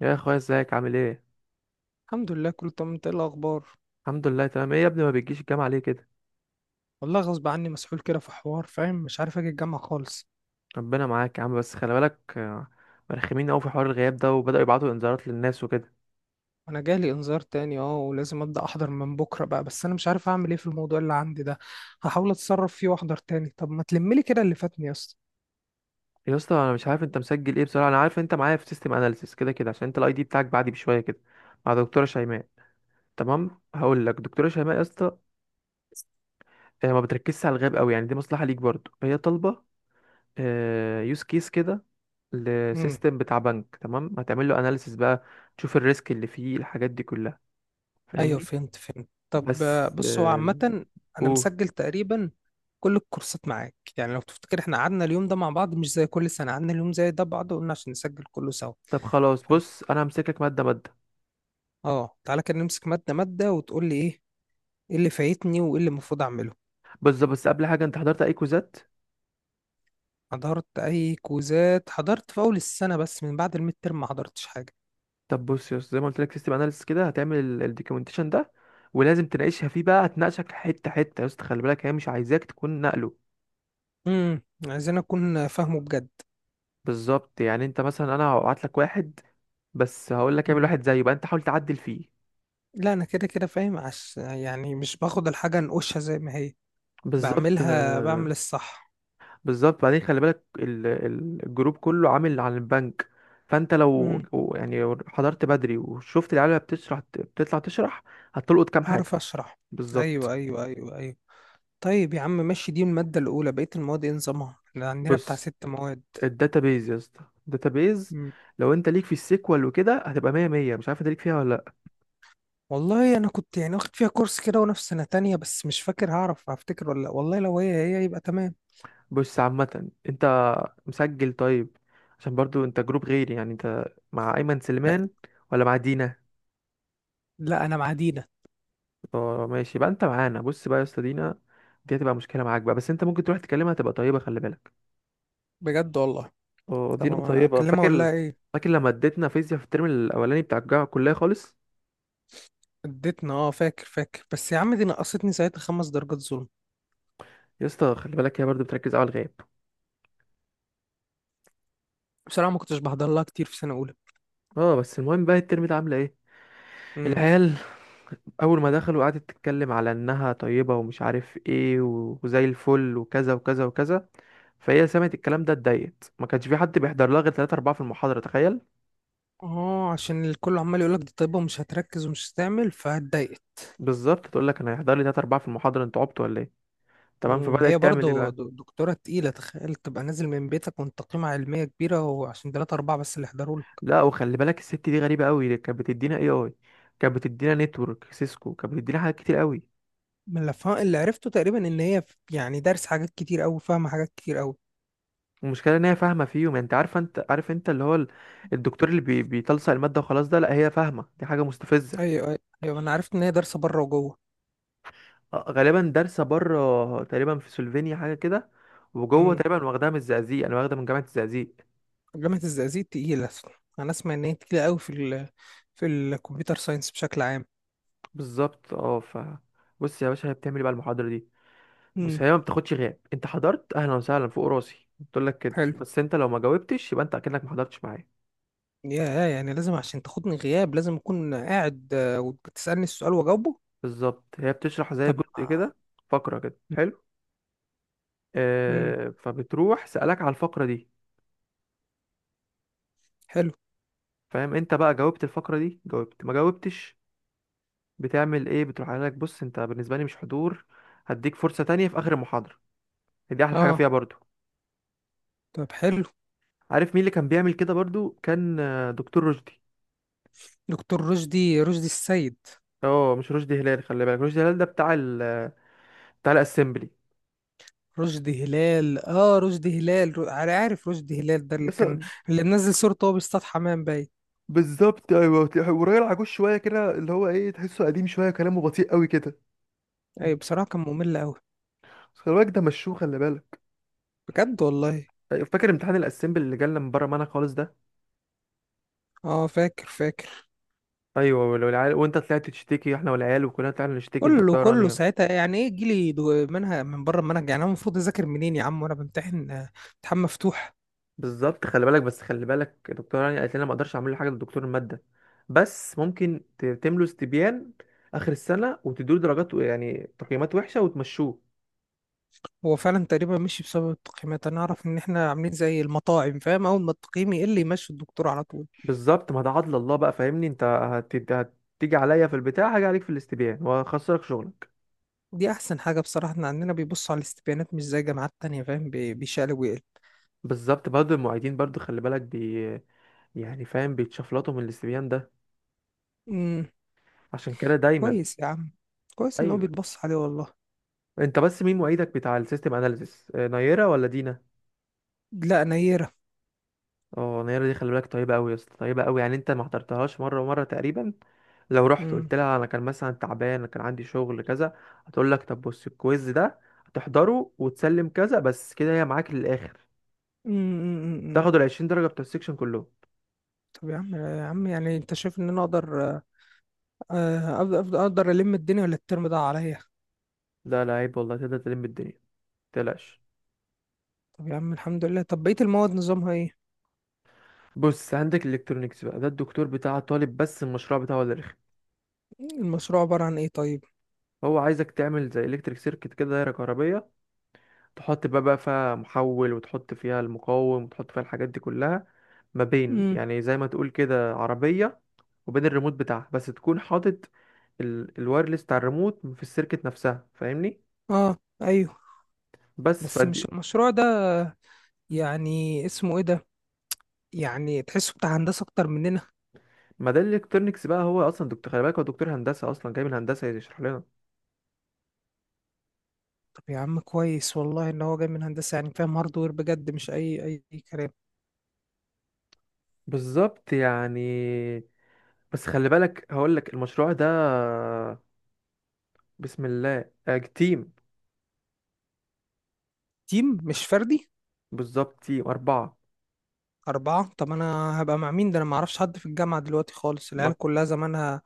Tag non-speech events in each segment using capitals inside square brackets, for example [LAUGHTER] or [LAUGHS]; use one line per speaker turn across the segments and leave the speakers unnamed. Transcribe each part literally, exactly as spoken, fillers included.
يا اخويا ازيك عامل ايه؟
الحمد لله، كله تمام. انت ايه الاخبار؟
الحمد لله تمام. ايه يا ابني ما بتجيش الجامعه ليه كده؟
والله غصب عني، مسحول كده في حوار فاهم. مش عارف اجي الجامعه خالص.
ربنا معاك يا عم، بس خلي بالك. آه، مرخمين قوي في حوار الغياب ده، وبداوا يبعتوا انذارات للناس وكده.
انا جالي انذار تاني اه، ولازم ابدا احضر من بكره بقى. بس انا مش عارف اعمل ايه في الموضوع اللي عندي ده. هحاول اتصرف فيه واحضر تاني. طب ما تلملي كده اللي فاتني يا اسطى.
يا اسطى انا مش عارف انت مسجل ايه بصراحه، انا عارف انت معايا في سيستم اناليسيس كده كده عشان انت الاي دي بتاعك بعدي بشويه كده، مع دكتوره شيماء. تمام هقول لك دكتوره شيماء يا اسطى. آه، ما بتركزش على الغياب قوي، يعني دي مصلحه ليك برضه. هي طالبه يوز كيس كده
امم.
لسيستم بتاع بنك، تمام؟ هتعمل له اناليسيس بقى، تشوف الريسك اللي فيه الحاجات دي كلها،
ايوه،
فاهمني؟
فهمت فهمت. طب، آه،
بس
بص هو عامه.
آه،
انا
قول.
مسجل تقريبا كل الكورسات معاك، يعني لو تفتكر احنا قعدنا اليوم ده مع بعض. مش زي كل سنه قعدنا اليوم زي ده بعض، وقلنا عشان نسجل كله سوا.
طب خلاص،
فانت.
بص انا همسكك ماده ماده.
اه، تعالى كده نمسك ماده ماده وتقول لي ايه. ايه اللي فايتني وايه اللي المفروض اعمله؟
بص بس قبل حاجه، انت حضرت اي كوزات؟
حضرت اي كوزات؟ حضرت في اول السنه، بس من بعد الميد ترم ما حضرتش حاجه.
طب بص يا أسطى، زي ما قلت لك سيستم اناليسيس كده هتعمل الدوكيومنتيشن ده، ولازم تناقشها فيه بقى. هتناقشك حته حته يا اسطى، خلي بالك هي مش عايزاك تكون نقله.
امم. عايزين اكون فاهمه بجد.
بالظبط، يعني انت مثلا انا هبعت لك واحد، بس هقول لك اعمل
مم.
واحد زيه بقى، انت حاول تعدل فيه.
لا، انا كده كده فاهم. عش يعني مش باخد الحاجه انقشها زي ما هي،
بالظبط.
بعملها
آه،
بعمل الصح.
بالظبط، بعدين خلي بالك ال- ال- الجروب كله عامل عن البنك. فانت لو
امم.
يعني حضرت بدري وشفت العيال وهي بتشرح، بتطلع تشرح هتلقط كام
هعرف
حاجه.
اشرح.
بالظبط.
ايوه، ايوه، ايوه، ايوه. طيب يا عم ماشي، دي الماده الاولى. بقيه المواد ايه نظامها؟ احنا عندنا بتاع
بص،
ست مواد.
الداتابيز يا اسطى، الداتابيز،
مم.
لو انت ليك في السيكوال وكده هتبقى مية مية. مش عارف انت ليك فيها ولا لا.
والله انا كنت يعني واخد فيها كورس كده وانا في سنه تانية، بس مش فاكر. هعرف هفتكر ولا لأ؟ والله لو هي هي يبقى تمام.
بص عامه انت مسجل طيب، عشان برضو انت جروب غيري. يعني انت مع ايمن سليمان ولا مع دينا؟
لا، انا مع دينا.
اه ماشي بقى، انت معانا. بص بقى يا اسطى، دينا دي هتبقى مشكله معاك بقى، بس انت ممكن تروح تكلمها، تبقى طيبه خلي بالك.
بجد والله.
اه دي
طب
نقطة
انا
طيبة.
اكلمها اقول
فاكر؟
لها ايه؟
فاكر لما اديتنا فيزياء في الترم الأولاني بتاع الجامعة الكلية خالص؟
اديتنا، اه فاكر فاكر. بس يا عم، دي نقصتني ساعتها خمس درجات، ظلم.
يا اسطى خلي بالك هي برضه بتركز على الغياب.
بصراحه ما كنتش بحضر لها كتير في سنه اولى.
اه بس المهم بقى، الترم ده عاملة ايه
امم.
العيال؟ أول ما دخلوا قعدت تتكلم على إنها طيبة ومش عارف ايه، و- وزي الفل وكذا وكذا وكذا. فهي سمعت الكلام ده اتضايقت، ما كانش في حد بيحضر لها غير ثلاثة اربعة في المحاضرة، تخيل.
اه، عشان الكل عمال يقول لك دي طيبه ومش هتركز ومش هتعمل، فاتضايقت.
بالظبط، تقول لك أنا هيحضر لي تلاتة اربعة في المحاضرة، انتوا عبطوا ولا ايه؟ تمام،
امم هي
فبدأت تعمل ايه
برضه
بقى.
د- دكتوره تقيله. تخيل تبقى نازل من بيتك وانت قيمه علميه كبيره وعشان تلاتة اربعه بس اللي حضروا لك.
لا وخلي بالك الست دي غريبه قوي، كانت بتدينا اي اي، كانت بتدينا نتورك سيسكو، كانت بتدينا حاجات كتير قوي.
من اللي فا- اللي عرفته تقريبا ان هي ف- يعني دارس حاجات كتير قوي، فاهمه حاجات كتير قوي.
المشكله ان هي فاهمه فيهم، يعني انت عارفه، انت عارف انت اللي هو ال- الدكتور اللي بي... بيتلصق الماده وخلاص ده؟ لا هي فاهمه، دي حاجه مستفزه.
ايوه، ايوه، ايوه. انا عرفت ان هي دارسه بره وجوه.
آه، غالبا دارسه بره، تقريبا في سلوفينيا حاجه كده، وجوه تقريبا واخداها من الزقازيق، انا واخده من جامعه الزقازيق.
جامعة الزقازيق تقيلة. أنا أسمع إن هي تقيلة أوي في ال في الكمبيوتر ساينس بشكل عام.
بالظبط. اه ف، بص يا باشا هي بتعمل إيه بقى المحاضره دي. بص
امم.
هي ما بتاخدش غياب، انت حضرت اهلا وسهلا فوق راسي بتقول لك كده،
حلو.
بس انت لو ما جاوبتش يبقى انت اكنك ما حضرتش معايا.
يا يعني لازم، عشان تاخدني غياب لازم أكون قاعد آه، وتسألني السؤال وأجاوبه.
بالظبط، هي بتشرح زي
طب.
جزء كده، فقرة كده، حلو.
امم.
آه فبتروح سألك على الفقرة دي،
حلو.
فاهم؟ انت بقى جاوبت الفقرة دي، جاوبت ما جاوبتش، بتعمل ايه؟ بتروح قايل لك بص انت بالنسبة لي مش حضور، هديك فرصة تانية في آخر المحاضرة. دي أحلى حاجة
أه،
فيها برضو.
طب حلو.
عارف مين اللي كان بيعمل كده برضو؟ كان آه، دكتور رشدي.
دكتور رشدي رشدي السيد.
اه مش رشدي هلال، خلي بالك. رشدي هلال ده بتاع ال، بتاع الاسمبلي.
رشدي هلال، اه، رشدي هلال، رو- أنا عارف رشدي هلال، ده اللي
يس.
كان اللي منزل صورته وهو بيصطاد حمام، باين.
بالظبط، ايوه، وراجل عجوز شويه كده، اللي هو ايه، تحسه قديم شويه وكلامه بطيء قوي كده.
ايوه، بصراحة كان ممل أوي.
بس خلي بالك ده مشوه، خلي بالك.
بجد والله.
أيوة، فاكر امتحان الاسمبل اللي جالنا من بره معانا خالص ده؟
اه، فاكر فاكر.
ايوه، ولو العيال وانت طلعت تشتكي، احنا والعيال وكلنا طلعنا نشتكي
كله
لدكتوره
كله
رانيا.
ساعتها، يعني ايه جيلي دو- منهج من بره المنهج؟ يعني انا المفروض اذاكر منين يا عم وانا بمتحن آه، امتحان مفتوح.
بالظبط خلي بالك، بس خلي بالك دكتوره رانيا قالت لنا ما اقدرش اعمل له حاجه لدكتور الماده، بس ممكن ت- تملوا استبيان اخر السنه، وتدوا له درجات و- يعني تقييمات وحشه وتمشوه.
هو فعلا تقريبا مشي بسبب التقييمات. انا اعرف ان احنا عاملين زي المطاعم فاهم، اول ما التقييم يقل يمشي الدكتور على طول.
بالظبط. ما ده عدل الله بقى فاهمني. انت هت- هتيجي عليا في البتاع، هاجي عليك في الاستبيان وهخسرك شغلك.
دي احسن حاجه بصراحه. احنا عندنا بيبصوا على الاستبيانات، مش زي جامعات تانية فاهم، بي- بيشقلب ويقلب.
بالظبط. برضه المعيدين برضه خلي بالك بي يعني، فاهم، بيتشفلطوا من الاستبيان ده.
امم.
عشان كده دايما
كويس يا عم. كويس ان هو
ايوه.
بيتبص عليه والله.
انت بس مين معيدك بتاع السيستم اناليسيس؟ آه، نيرة ولا دينا؟
لا، نيره.
اه نيرة دي خلي بالك طيبة قوي يا اسطى، طيبة قوي. يعني انت ما حضرتهاش مرة ومرة تقريبا، لو رحت
امم،
قلت لها انا كان مثلا تعبان، انا كان عندي شغل كذا، هتقول لك طب بص الكويز ده هتحضره وتسلم كذا بس كده، هي معاك للاخر.
امم، امم. امم.
تاخد ال عشرين درجة بتوع السكشن كلهم.
طب يا عم، يا عم، يعني انت شايف ان انا اقدر آه، آه، أقدر أقدر ألم الدنيا، ولا الترم ده عليا؟
ده لا عيب والله، تقدر تلم الدنيا، متقلقش.
طب يا عم الحمد لله. طب بقية المواد نظامها ايه؟
بص عندك الالكترونيكس بقى، ده الدكتور بتاع طالب، بس المشروع بتاعه اللي رخم.
المشروع عبارة عن ايه طيب؟
هو عايزك تعمل زي الكتريك سيركت كده، دايره كهربيه، تحط بقى بقى فيها محول، وتحط فيها المقاوم، وتحط فيها الحاجات دي كلها، ما بين
امم.
يعني زي ما تقول كده عربية وبين الريموت بتاعها، بس تكون حاطط ال... الوايرلس بتاع الريموت في السيركت نفسها، فاهمني؟
اه. ايوه
بس
بس مش
فدي،
المشروع ده. يعني اسمه ايه ده؟ يعني تحسه بتاع هندسة اكتر مننا.
ما ده الالكترونكس بقى. هو اصلا دكتور خلي بالك، هو دكتور هندسه اصلا جاي من هندسه يشرح لنا.
طب يا عم كويس والله ان هو جاي من هندسة، يعني فاهم هاردوير بجد، مش اي اي أي كلام.
بالظبط يعني. بس خلي بالك هقول لك المشروع ده، بسم الله، آه، تيم.
تيم مش فردي؟
بالظبط، تيم اربعه.
أربعة؟ طب أنا هبقى مع مين ده؟ أنا معرفش حد في الجامعة دلوقتي خالص، العيال كلها زمانها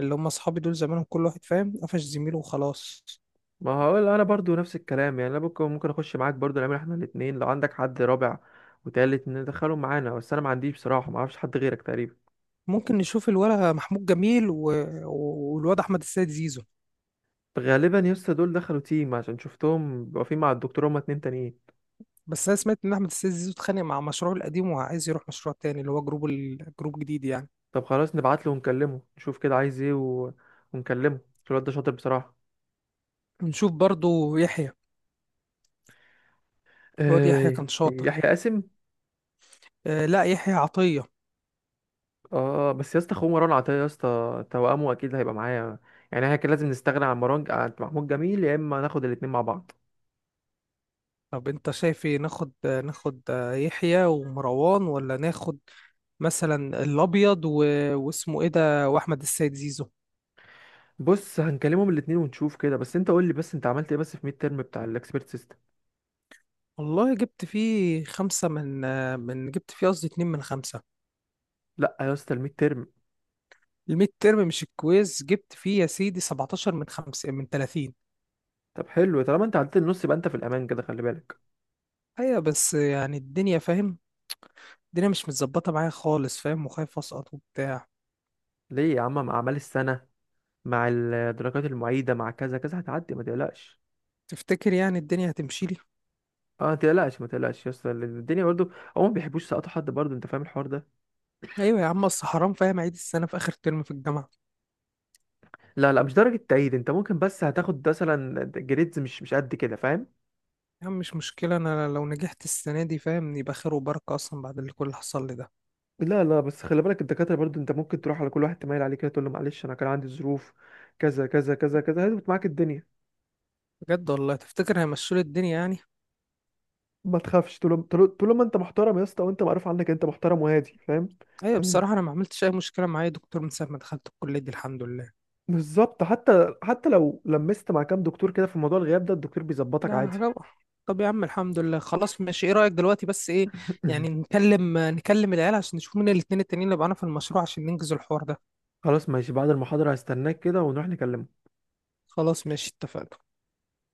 اللي هم أصحابي دول زمانهم كل واحد فاهم قفش زميله وخلاص.
ما هقول انا برضو نفس الكلام، يعني انا ممكن ممكن اخش معاك برضو، نعمل احنا الاتنين، لو عندك حد رابع وتالت ندخلهم معانا، بس انا ما عنديش بصراحه، ما اعرفش حد غيرك تقريبا.
ممكن نشوف الولا محمود جميل و... والواد أحمد السيد زيزو.
غالبا يسطا دول دخلوا تيم، عشان شفتهم بيبقوا واقفين مع الدكتور، هما اتنين تانيين.
بس انا سمعت ان احمد السيد زيزو اتخانق مع مشروعه القديم وعايز يروح مشروع تاني، اللي هو جروب ال- جروب جديد يعني.
طب خلاص نبعت له ونكلمه، نشوف كده عايز ايه و، ونكلمه، عشان الواد ده شاطر بصراحه.
نشوف برضو يحيى. الواد يحيى
آه،
كان شاطر.
يحيى قاسم.
آه، لا، يحيى عطية.
اه بس يا اسطى، اخوه مروان عطيه يا اسطى، توأمه، اكيد هيبقى معايا. يعني احنا كان لازم نستغنى عن مروان عن محمود جميل، يا اما ناخد الاتنين مع بعض.
طب انت شايف ايه، ناخد آه، ناخد آه، يحيى ومروان، ولا ناخد مثلا الابيض و... واسمه ايه ده، واحمد السيد زيزو؟
بص هنكلمهم الاتنين ونشوف كده. بس انت قول لي بس، انت عملت ايه بس في ميد ترم بتاع الاكسبيرت سيستم؟
والله جبت فيه خمسة من آه، من جبت فيه قصدي اتنين من خمسة.
لا يا اسطى الميد ترم.
الميد ترم مش الكويز، جبت فيه يا سيدي سبعتاشر من خمسة، من ثلاثين.
طب حلو، طالما انت عديت النص يبقى انت في الامان كده، خلي بالك.
ايوه بس يعني الدنيا فاهم، الدنيا مش متظبطة معايا خالص فاهم، وخايف أسقط وبتاع.
ليه يا عم، مع اعمال السنه، مع الدرجات المعيده، مع كذا كذا، هتعدي ما تقلقش.
تفتكر يعني الدنيا هتمشي لي؟
اه ما تقلقش، ما تقلقش يا اسطى، لأن الدنيا برضو، هما ما بيحبوش يسقطوا حد برضو، انت فاهم الحوار ده.
أيوة يا عم، أصل حرام فاهم أعيد السنة في آخر ترم في الجامعة.
لا لا مش درجه تعيين، انت ممكن بس هتاخد مثلا جريدز مش مش قد كده، فاهم؟
يا عم مش مشكلة، أنا لو نجحت السنة دي فاهم يبقى خير وبركة، أصلا بعد اللي كل اللي حصل لي ده.
لا لا بس خلي بالك الدكاتره برضو، انت ممكن تروح على كل واحد تميل عليه كده تقول له معلش انا كان عندي ظروف كذا كذا كذا كذا، هتظبط معاك الدنيا.
بجد والله، تفتكر هيمشوا لي الدنيا يعني؟
ما تخافش، طول طول طول ما انت محترم يا اسطى، وانت معروف عنك انت محترم وهادي، فاهم؟
أيوة،
يعني
بصراحة أنا ما عملتش أي مشكلة معايا دكتور من ساعة ما دخلت الكلية دي، الحمد لله.
بالظبط، حتى حتى لو لمست مع كام دكتور كده في موضوع الغياب ده الدكتور بيظبطك
لا
عادي.
حاجة. طب يا عم الحمد لله، خلاص ماشي. ايه رأيك دلوقتي بس، ايه يعني،
[LAUGHS]
نكلم نكلم العيال عشان نشوف مين الاتنين التانيين اللي معانا في المشروع، عشان ننجز الحوار ده.
خلاص ماشي، بعد المحاضرة هستناك كده ونروح نكلم.
خلاص ماشي، اتفقنا.